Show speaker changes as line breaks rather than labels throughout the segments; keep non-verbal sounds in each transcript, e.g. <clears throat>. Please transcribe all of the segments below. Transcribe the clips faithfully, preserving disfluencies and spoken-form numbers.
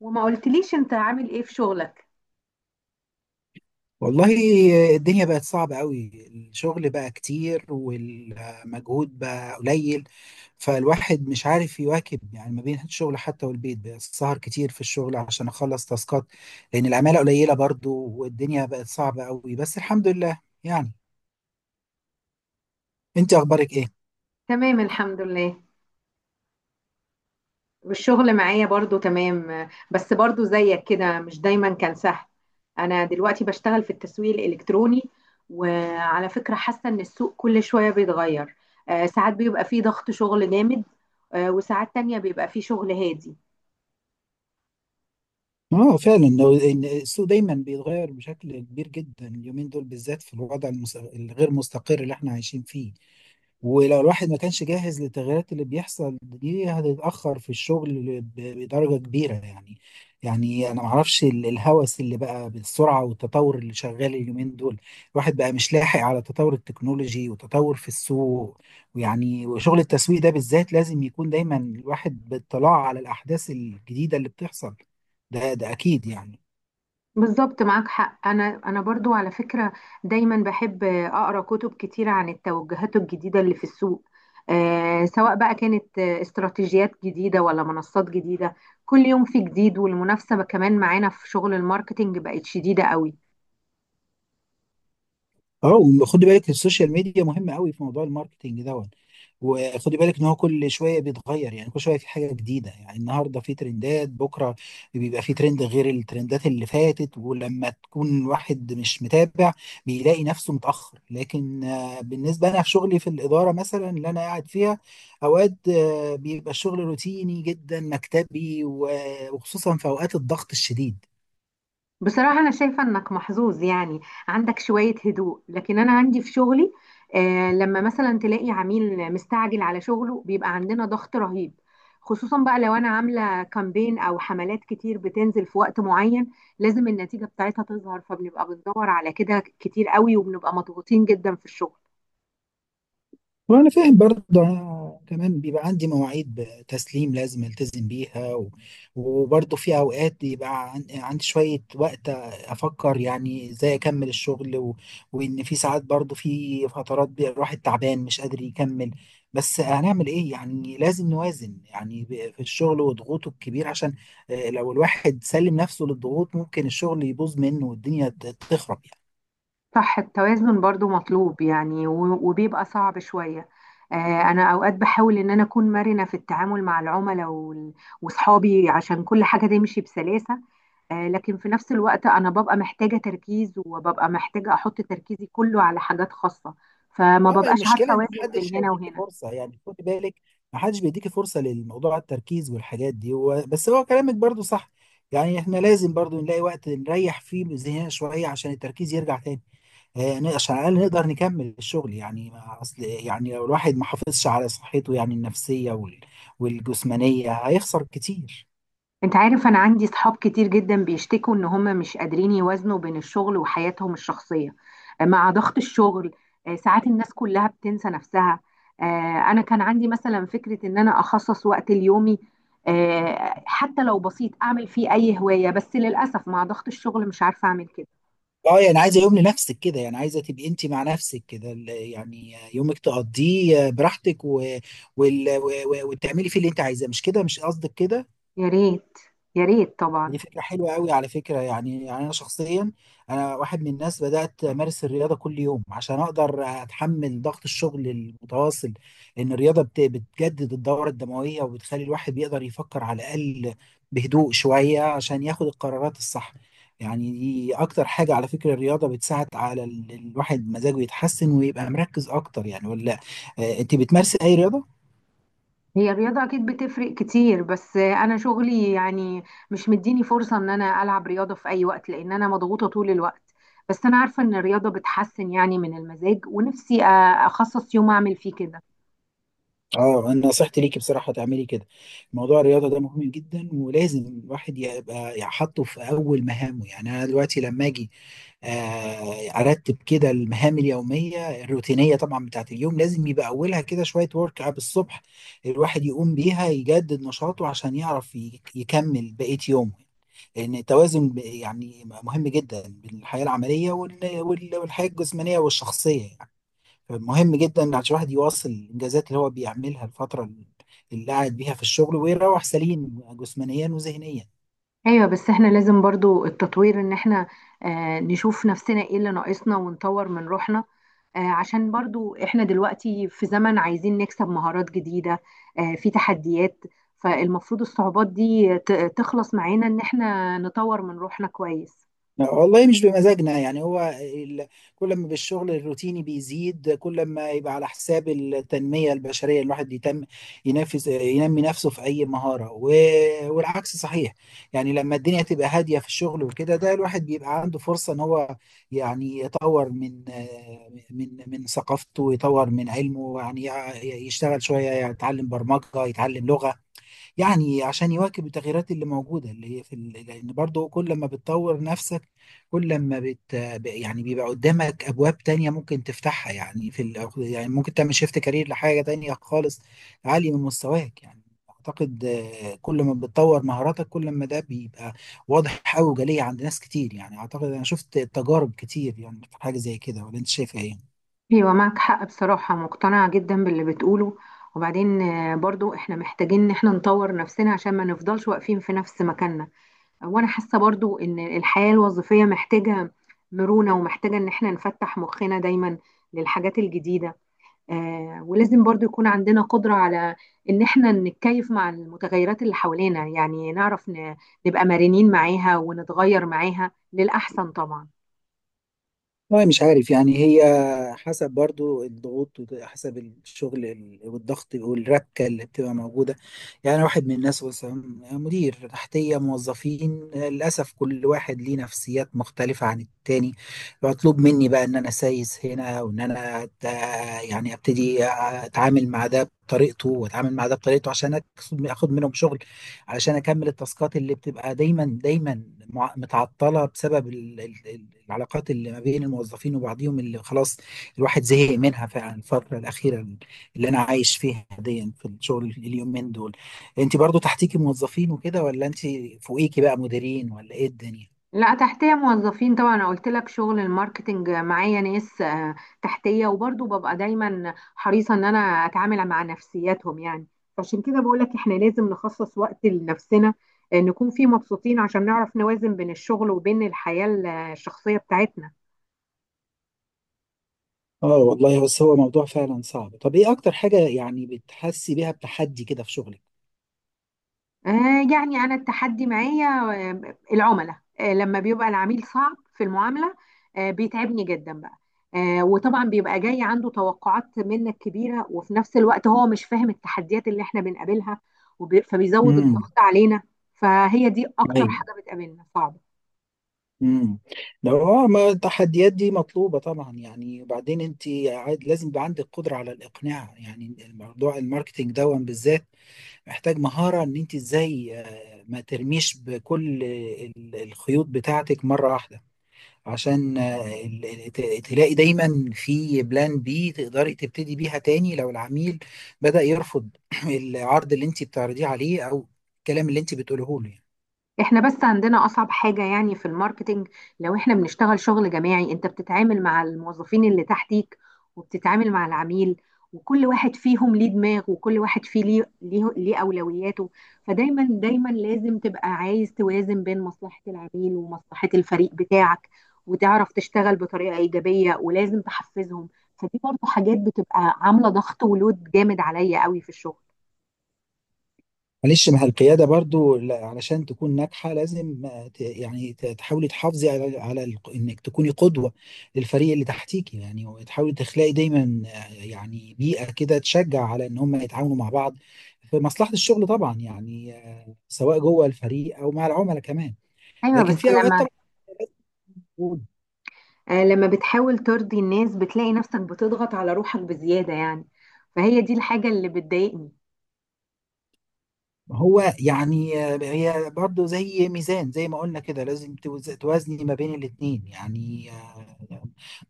وما قلتليش انت عامل ايه في شغلك؟
والله، الدنيا بقت صعبة قوي. الشغل بقى كتير والمجهود بقى قليل، فالواحد مش عارف يواكب. يعني ما بين الشغل حتى والبيت، بقى السهر كتير في الشغل عشان أخلص تاسكات، لأن العمالة قليلة برضو والدنيا بقت صعبة قوي. بس الحمد لله يعني. أنت أخبارك إيه؟
تمام، الحمد لله. والشغل معايا برضو تمام، بس برضو زيك كده، مش دايما كان سهل. انا دلوقتي بشتغل في التسويق الالكتروني، وعلى فكرة حاسة ان السوق كل شوية بيتغير. آه، ساعات بيبقى فيه ضغط شغل جامد، آه، وساعات تانية بيبقى فيه شغل هادي.
اه فعلا، لو- إن السوق دايما بيتغير بشكل كبير جدا اليومين دول بالذات، في الوضع المس- الغير مستقر اللي احنا عايشين فيه. ولو الواحد ما كانش جاهز للتغيرات اللي بيحصل دي، هتتأخر في الشغل ب- بدرجة كبيرة يعني. يعني أنا معرفش ال- الهوس اللي بقى بالسرعة والتطور اللي شغال اليومين دول. الواحد بقى مش لاحق على تطور التكنولوجي وتطور في السوق. ويعني وشغل التسويق ده بالذات لازم يكون دايما الواحد باطلاع على الأحداث الجديدة اللي بتحصل. ده ده أكيد يعني.
بالظبط، معاك حق. انا انا برضو على فكره دايما بحب اقرا كتب كتيره عن التوجهات الجديده اللي في السوق، آه سواء بقى كانت آه، استراتيجيات جديده ولا منصات جديده. كل يوم في جديد، والمنافسه كمان معانا في شغل الماركتينج بقت شديده قوي.
اه، وخدي بالك السوشيال ميديا مهمه قوي في موضوع الماركتينج دوت. وخدي بالك ان هو كل شويه بيتغير، يعني كل شويه في حاجه جديده. يعني النهارده في ترندات، بكره بيبقى في ترند غير الترندات اللي فاتت. ولما تكون واحد مش متابع، بيلاقي نفسه متاخر. لكن آه، بالنسبه انا في شغلي في الاداره مثلا اللي انا قاعد فيها، اوقات آه، بيبقى الشغل روتيني جدا مكتبي و- وخصوصا في اوقات الضغط الشديد.
بصراحة أنا شايفة إنك محظوظ يعني، عندك شوية هدوء، لكن أنا عندي في شغلي، آه لما مثلا تلاقي عميل مستعجل على شغله بيبقى عندنا ضغط رهيب. خصوصا بقى لو أنا عاملة كامبين أو حملات كتير بتنزل في وقت معين، لازم النتيجة بتاعتها تظهر، فبنبقى بندور على كده كتير قوي وبنبقى مضغوطين جدا في الشغل.
وانا فاهم برضه. انا كمان بيبقى عندي مواعيد تسليم لازم التزم بيها، و- وبرضه في اوقات بيبقى عن- عندي شويه وقت افكر يعني ازاي اكمل الشغل و... وان في ساعات برضه، في فترات بيبقى الواحد تعبان مش قادر يكمل. بس هنعمل ايه؟ يعني لازم نوازن يعني ب- في الشغل وضغوطه الكبير، عشان آه، لو الواحد سلم نفسه للضغوط ممكن الشغل يبوظ منه، والدنيا ت- تخرب يعني.
صح، التوازن برضو مطلوب يعني، و- وبيبقى صعب شوية. آه، أنا أوقات بحاول إن أنا أكون مرنة في التعامل مع العملاء وال- وصحابي عشان كل حاجة تمشي بسلاسة. آه، لكن في نفس الوقت أنا ببقى محتاجة تركيز وببقى محتاجة أحط تركيزي كله على حاجات خاصة، فما
اه، ما
ببقاش عارفة
المشكله ان
أوازن
محدش
بين هنا
هيديكي
وهنا.
فرصه يعني. خدي بالك، محدش بيديكي فرصه للموضوع التركيز والحاجات دي و... بس هو كلامك برضو صح. يعني احنا لازم برضو نلاقي وقت نريح فيه ذهننا شويه عشان التركيز يرجع تاني، آه، ن- عشان على الاقل نقدر نكمل الشغل يعني. ما اصل يعني لو الواحد ما حافظش على صحته يعني النفسيه وال... والجسمانيه، هيخسر كتير.
انت عارف، انا عندي صحاب كتير جدا بيشتكوا ان هم مش قادرين يوازنوا بين الشغل وحياتهم الشخصية، آه، مع ضغط الشغل. آه، ساعات الناس كلها بتنسى نفسها. آه، انا كان عندي مثلا فكرة ان انا اخصص وقت ليومي، آه، حتى لو بسيط اعمل فيه اي هواية، بس للأسف مع ضغط الشغل مش عارفة اعمل كده.
اه يعني عايزه يوم لنفسك كده، يعني عايزه تبقي انت مع نفسك كده، ال- يعني يومك تقضيه براحتك و... وال... و... و- وتعملي فيه اللي انت عايزاه. مش كده؟ مش قصدك كده؟
يا ريت، يا ريت طبعا.
دي فكرة حلوة قوي على فكرة. يعني يعني أنا شخصيا، أنا واحد من الناس بدأت أمارس الرياضة كل يوم عشان أقدر أتحمل ضغط الشغل المتواصل. إن الرياضة بت- بتجدد الدورة الدموية، وبتخلي الواحد بيقدر يفكر على الأقل بهدوء شوية عشان ياخد القرارات الصح. يعني دي أكتر حاجة على فكرة. الرياضة بتساعد على ال- الواحد مزاجه يتحسن ويبقى مركز أكتر يعني، ولا؟ آه، أنت بتمارسي أي رياضة؟
هي الرياضة أكيد بتفرق كتير، بس أنا شغلي يعني مش مديني فرصة إن أنا ألعب رياضة في أي وقت، لأن أنا مضغوطة طول الوقت. بس أنا عارفة إن الرياضة بتحسن يعني من المزاج، ونفسي أ- أخصص يوم أعمل فيه كده.
اه، انا نصيحتي ليكي بصراحه تعملي كده. موضوع الرياضه ده مهم جدا، ولازم الواحد يبقى يحطه في اول مهامه. يعني انا دلوقتي لما اجي آه، ارتب كده المهام اليوميه الروتينيه طبعا بتاعت اليوم، لازم يبقى اولها كده شويه ورك اب الصبح، الواحد يقوم بيها يجدد نشاطه عشان يعرف ي- يكمل بقيه يومه. لان التوازن ب- يعني مهم جدا بين الحياه العمليه وال- وال- والحياه الجسمانيه والشخصيه يعني. مهم جدا عشان الواحد يواصل الانجازات اللي هو بيعملها الفتره اللي قاعد بيها في الشغل، ويروح سليم جسمانيا وذهنيا.
ايوه، بس احنا لازم برضو التطوير، ان احنا آه نشوف نفسنا ايه اللي ناقصنا ونطور من روحنا، آه عشان برضو احنا دلوقتي في زمن عايزين نكسب مهارات جديدة، آه في تحديات. فالمفروض الصعوبات دي ت- تخلص معانا، ان احنا نطور من روحنا كويس.
والله مش بمزاجنا يعني. هو ال... كل ما بالشغل الروتيني بيزيد، كل ما يبقى على حساب التنمية البشرية. الواحد يتم ينفذ، ينمي نفسه في أي مهارة و... والعكس صحيح. يعني لما الدنيا تبقى هادية في الشغل وكده، ده الواحد بيبقى عنده فرصة إن هو يعني يطور من من من ثقافته، ويطور من علمه يعني. يشتغل شوية، يتعلم برمجة، يتعلم لغة. يعني عشان يواكب التغييرات اللي موجودة اللي هي في ال- لأن برضه كل ما بتطور نفسك، كل ما بت ب- يعني بيبقى قدامك أبواب تانية ممكن تفتحها، يعني في ال... يعني ممكن تعمل شيفت كارير لحاجة تانية خالص عالية من مستواك يعني. أعتقد آه، كل ما بتطور مهاراتك، كل ما ده بيبقى واضح أوي وجلي عند ناس كتير يعني. أعتقد أنا شفت تجارب كتير يعني في حاجة زي كده، ولا أنت شايفها إيه؟
ايوه، معك حق، بصراحة مقتنعة جدا باللي بتقوله. وبعدين آه برضو احنا محتاجين ان احنا نطور نفسنا عشان ما نفضلش واقفين في نفس مكاننا. وانا حاسه برضو ان الحياه الوظيفيه محتاجه مرونه، ومحتاجه ان احنا نفتح مخنا دايما للحاجات الجديده. آه ولازم برضو يكون عندنا قدره على ان احنا نتكيف مع المتغيرات اللي حوالينا، يعني نعرف ن- نبقى مرنين معاها ونتغير معاها للاحسن طبعا.
والله مش عارف يعني. هي حسب برضو الضغوط، وحسب الشغل ال- والضغط والركة اللي بتبقى موجودة. يعني واحد من الناس مثلا مدير تحتية موظفين، للأسف كل واحد ليه نفسيات مختلفة عن التاني. مطلوب مني بقى إن أنا سايس هنا، وإن أنا أت- يعني أبتدي أتعامل مع ده بطريقته وأتعامل مع ده بطريقته، عشان أكسب- أخد منهم شغل علشان اكمل التاسكات اللي بتبقى دايما دايما مع- متعطله بسبب ال- ال- ال- العلاقات اللي ما بين الموظفين وبعضهم، اللي خلاص الواحد زهق منها فعلا الفتره الاخيره اللي انا عايش فيها دي في الشغل اليومين دول. انت برضو تحتيكي موظفين وكده، ولا انت فوقيكي بقى مديرين، ولا ايه الدنيا؟
لا، تحتيه موظفين طبعا. انا قلت لك شغل الماركتنج معايا ناس آه، تحتيه، وبرضه ببقى دايما حريصه ان انا اتعامل مع نفسياتهم يعني. فعشان كده بقول لك احنا لازم نخصص وقت لنفسنا، آه، نكون فيه مبسوطين عشان نعرف نوازن بين الشغل وبين الحياه الشخصيه بتاعتنا.
اه والله، بس هو موضوع فعلا صعب. طب ايه اكتر حاجة يعني بتحسي بيها بتحدي كده في شغلك؟
آه، يعني أنا التحدي معايا آه، العملاء، آه، لما بيبقى العميل صعب في المعاملة آه، بيتعبني جدا بقى. آه، وطبعا بيبقى جاي عنده توقعات منك كبيرة، وفي نفس الوقت هو مش فاهم التحديات اللي احنا بنقابلها، وبي- فبيزود
امم.
الضغط علينا. فهي دي أكتر حاجة بتقابلنا صعبة.
امم. لو اه ما التحديات دي مطلوبه طبعا يعني. وبعدين انت عاد- لازم يبقى عندك قدره على الاقناع. يعني الموضوع الماركتينج ده بالذات محتاج مهاره ان انت ازاي آه، ما ترميش بكل ال- الخيوط بتاعتك مره واحده، عشان آه، ال- ال- ت- تلاقي دايما في بلان بي تقدري تبتدي بيها تاني، لو العميل بدأ يرفض <clears throat> العرض اللي انت بتعرضيه عليه، او الكلام اللي انت بتقوله له يعني.
احنا بس عندنا اصعب حاجة يعني في الماركتينج، لو احنا بنشتغل شغل جماعي، انت بتتعامل مع الموظفين اللي تحتيك وبتتعامل مع العميل، وكل واحد فيهم ليه دماغ، وكل واحد فيه ليه ليه, ليه اولوياته. فدايما دايما لازم تبقى عايز توازن بين مصلحة العميل ومصلحة الفريق بتاعك، وتعرف تشتغل بطريقة ايجابية، ولازم تحفزهم. فدي برضه حاجات بتبقى عاملة ضغط ولود جامد عليا قوي في الشغل.
معلش، ما هي القيادة برضو لا- علشان تكون ناجحة لازم آه، ت- يعني ت- تحاولي تحافظي على على ال- انك تكوني قدوة للفريق اللي تحتيكي يعني، وتحاولي تخلقي دايما آه، يعني بيئة كده تشجع على ان هم يتعاونوا مع بعض في مصلحة الشغل طبعا يعني، آه، سواء جوه الفريق او مع العملاء كمان.
ايوه،
لكن
بس
في اوقات
لما
طبعا.
آه، لما بتحاول ترضي الناس بتلاقي نفسك بتضغط على روحك بزيادة يعني. فهي دي الحاجة اللي بتضايقني.
هو يعني، هي برضه زي ميزان زي ما قلنا كده، لازم توز- توازني ما بين الاتنين يعني. آه،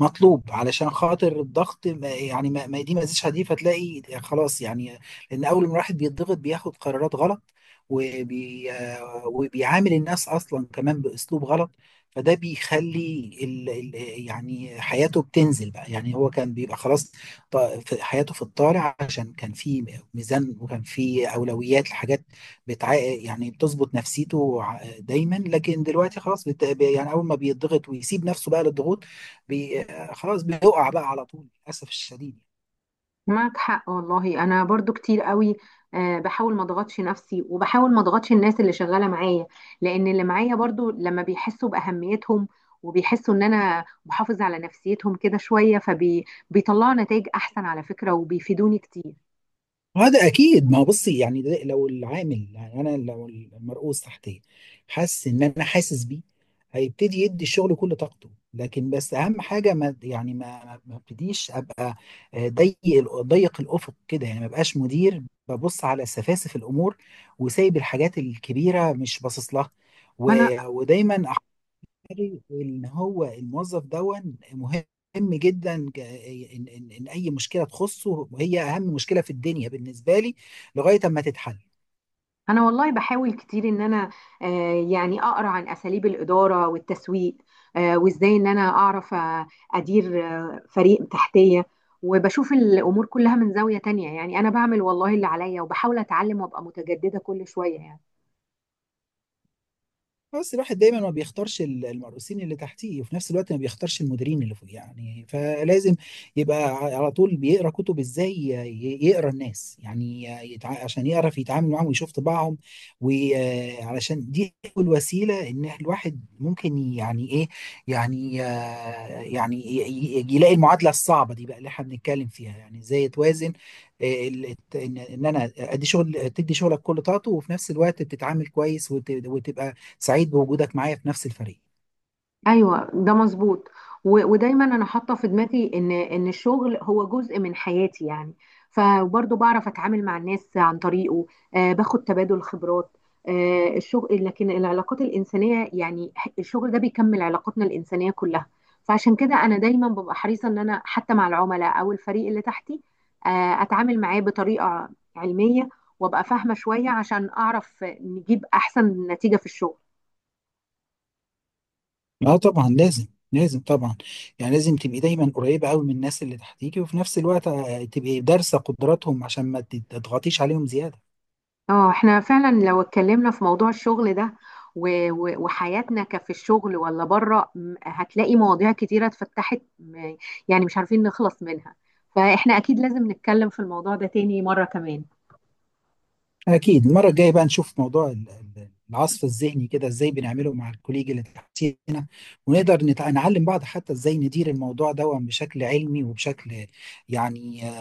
مطلوب علشان خاطر الضغط، ما- يعني ما ما- دي ما زيش حديد فتلاقي خلاص يعني. لان اول ما الواحد بيتضغط بياخد قرارات غلط، وبي آه، وبيعامل الناس اصلا كمان باسلوب غلط. فده بيخلي ال ال يعني حياته بتنزل بقى. يعني هو كان بيبقى خلاص ط- في- حياته في الطالع، عشان كان في ميزان وكان في اولويات لحاجات بتع... يعني بتظبط نفسيته ع- دايما. لكن دلوقتي خلاص بت... ب- يعني اول ما بيضغط ويسيب نفسه بقى للضغوط، بي... خلاص بيقع بقى على طول للاسف الشديد.
معك حق والله، أنا برضو كتير قوي آه، بحاول ما اضغطش نفسي وبحاول ما اضغطش الناس اللي شغالة معايا، لأن اللي معايا برضو لما بيحسوا بأهميتهم وبيحسوا إن أنا بحافظ على نفسيتهم كده شوية فبيطلعوا نتائج أحسن على فكرة وبيفيدوني كتير.
هذا اكيد. ما هو بصي يعني، ده- لو العامل، يعني انا، لو المرؤوس تحتي حاسس ان انا حاسس بيه، هيبتدي يدي الشغل كل طاقته. لكن بس اهم حاجه ما يعني ما ما ما ابتديش ابقى آه، ضيق ال- ضيق الافق كده يعني، ما بقاش مدير ببص على سفاسف الامور وسايب الحاجات الكبيره مش باصص لها.
ما أنا
و- ودايما الإداري إن هو الموظف دون مهم جدا، ك- إن, إن, إن أي مشكلة تخصه وهي أهم مشكلة في الدنيا بالنسبة لي، لغاية أما تتحل.
انا والله بحاول كتير ان انا آه، يعني اقرا عن اساليب الاداره والتسويق، آه، وازاي ان انا اعرف آه، ادير آه، فريق تحتيه وبشوف الامور كلها من زاويه تانية. يعني انا بعمل والله اللي عليا، وبحاول اتعلم وابقى متجدده كل شويه يعني.
بس الواحد دايما ما بيختارش ال- المرؤوسين اللي تحتيه، وفي نفس الوقت ما بيختارش المديرين اللي فوق يعني. فلازم يبقى ع- على طول بيقرا كتب ازاي ي- يقرا الناس يعني يتع... عشان يعرف يتعامل معاهم ويشوف طباعهم. وعلشان دي الوسيله، ان الواحد ممكن يعني ايه، يعني آه، يعني ي- ي- يلاقي المعادله الصعبه دي بقى اللي احنا بنتكلم فيها. يعني ازاي توازن آه، ال- الت- ان إن انا ادي شغل، تدي شغلك كل طاقته، وفي نفس الوقت بتتعامل كويس وت- وتبقى سعيد بوجودك معايا في نفس الفريق.
ايوه، ده مظبوط، و- ودايما انا حاطه في دماغي ان ان الشغل هو جزء من حياتي يعني، فبرضه بعرف اتعامل مع الناس عن طريقه. آه باخد تبادل خبرات آه الشغل، لكن العلاقات الانسانيه يعني ح- الشغل ده بيكمل علاقاتنا الانسانيه كلها. فعشان كده انا دايما ببقى حريصه ان انا حتى مع العملاء او الفريق اللي تحتي آه اتعامل معاه بطريقه علميه، وابقى فاهمه شويه عشان اعرف نجيب احسن نتيجه في الشغل.
اه طبعا لازم. لازم طبعا. يعني لازم تبقي دايما قريبة قوي من الناس اللي تحتيكي، وفي نفس الوقت آه، تبقي دارسة قدراتهم عشان ما تضغطيش عليهم زيادة.
اه، احنا فعلا لو اتكلمنا في موضوع الشغل ده و- و- وحياتنا كفي الشغل ولا بره م- هتلاقي مواضيع كتيرة اتفتحت م- يعني مش عارفين نخلص منها. فاحنا اكيد لازم نتكلم في الموضوع ده تاني مرة كمان.
اكيد، المرة الجاية بقى نشوف موضوع ال- ال- العصف الذهني، كده ازاي بنعمله مع الكوليج اللي تحتينا، ونقدر نتع- نعلم بعض حتى ازاي ندير الموضوع ده بشكل علمي وبشكل، يعني آه،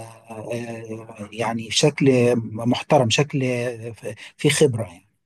آه، يعني بشكل محترم، شكل آه، في خبرة يعني.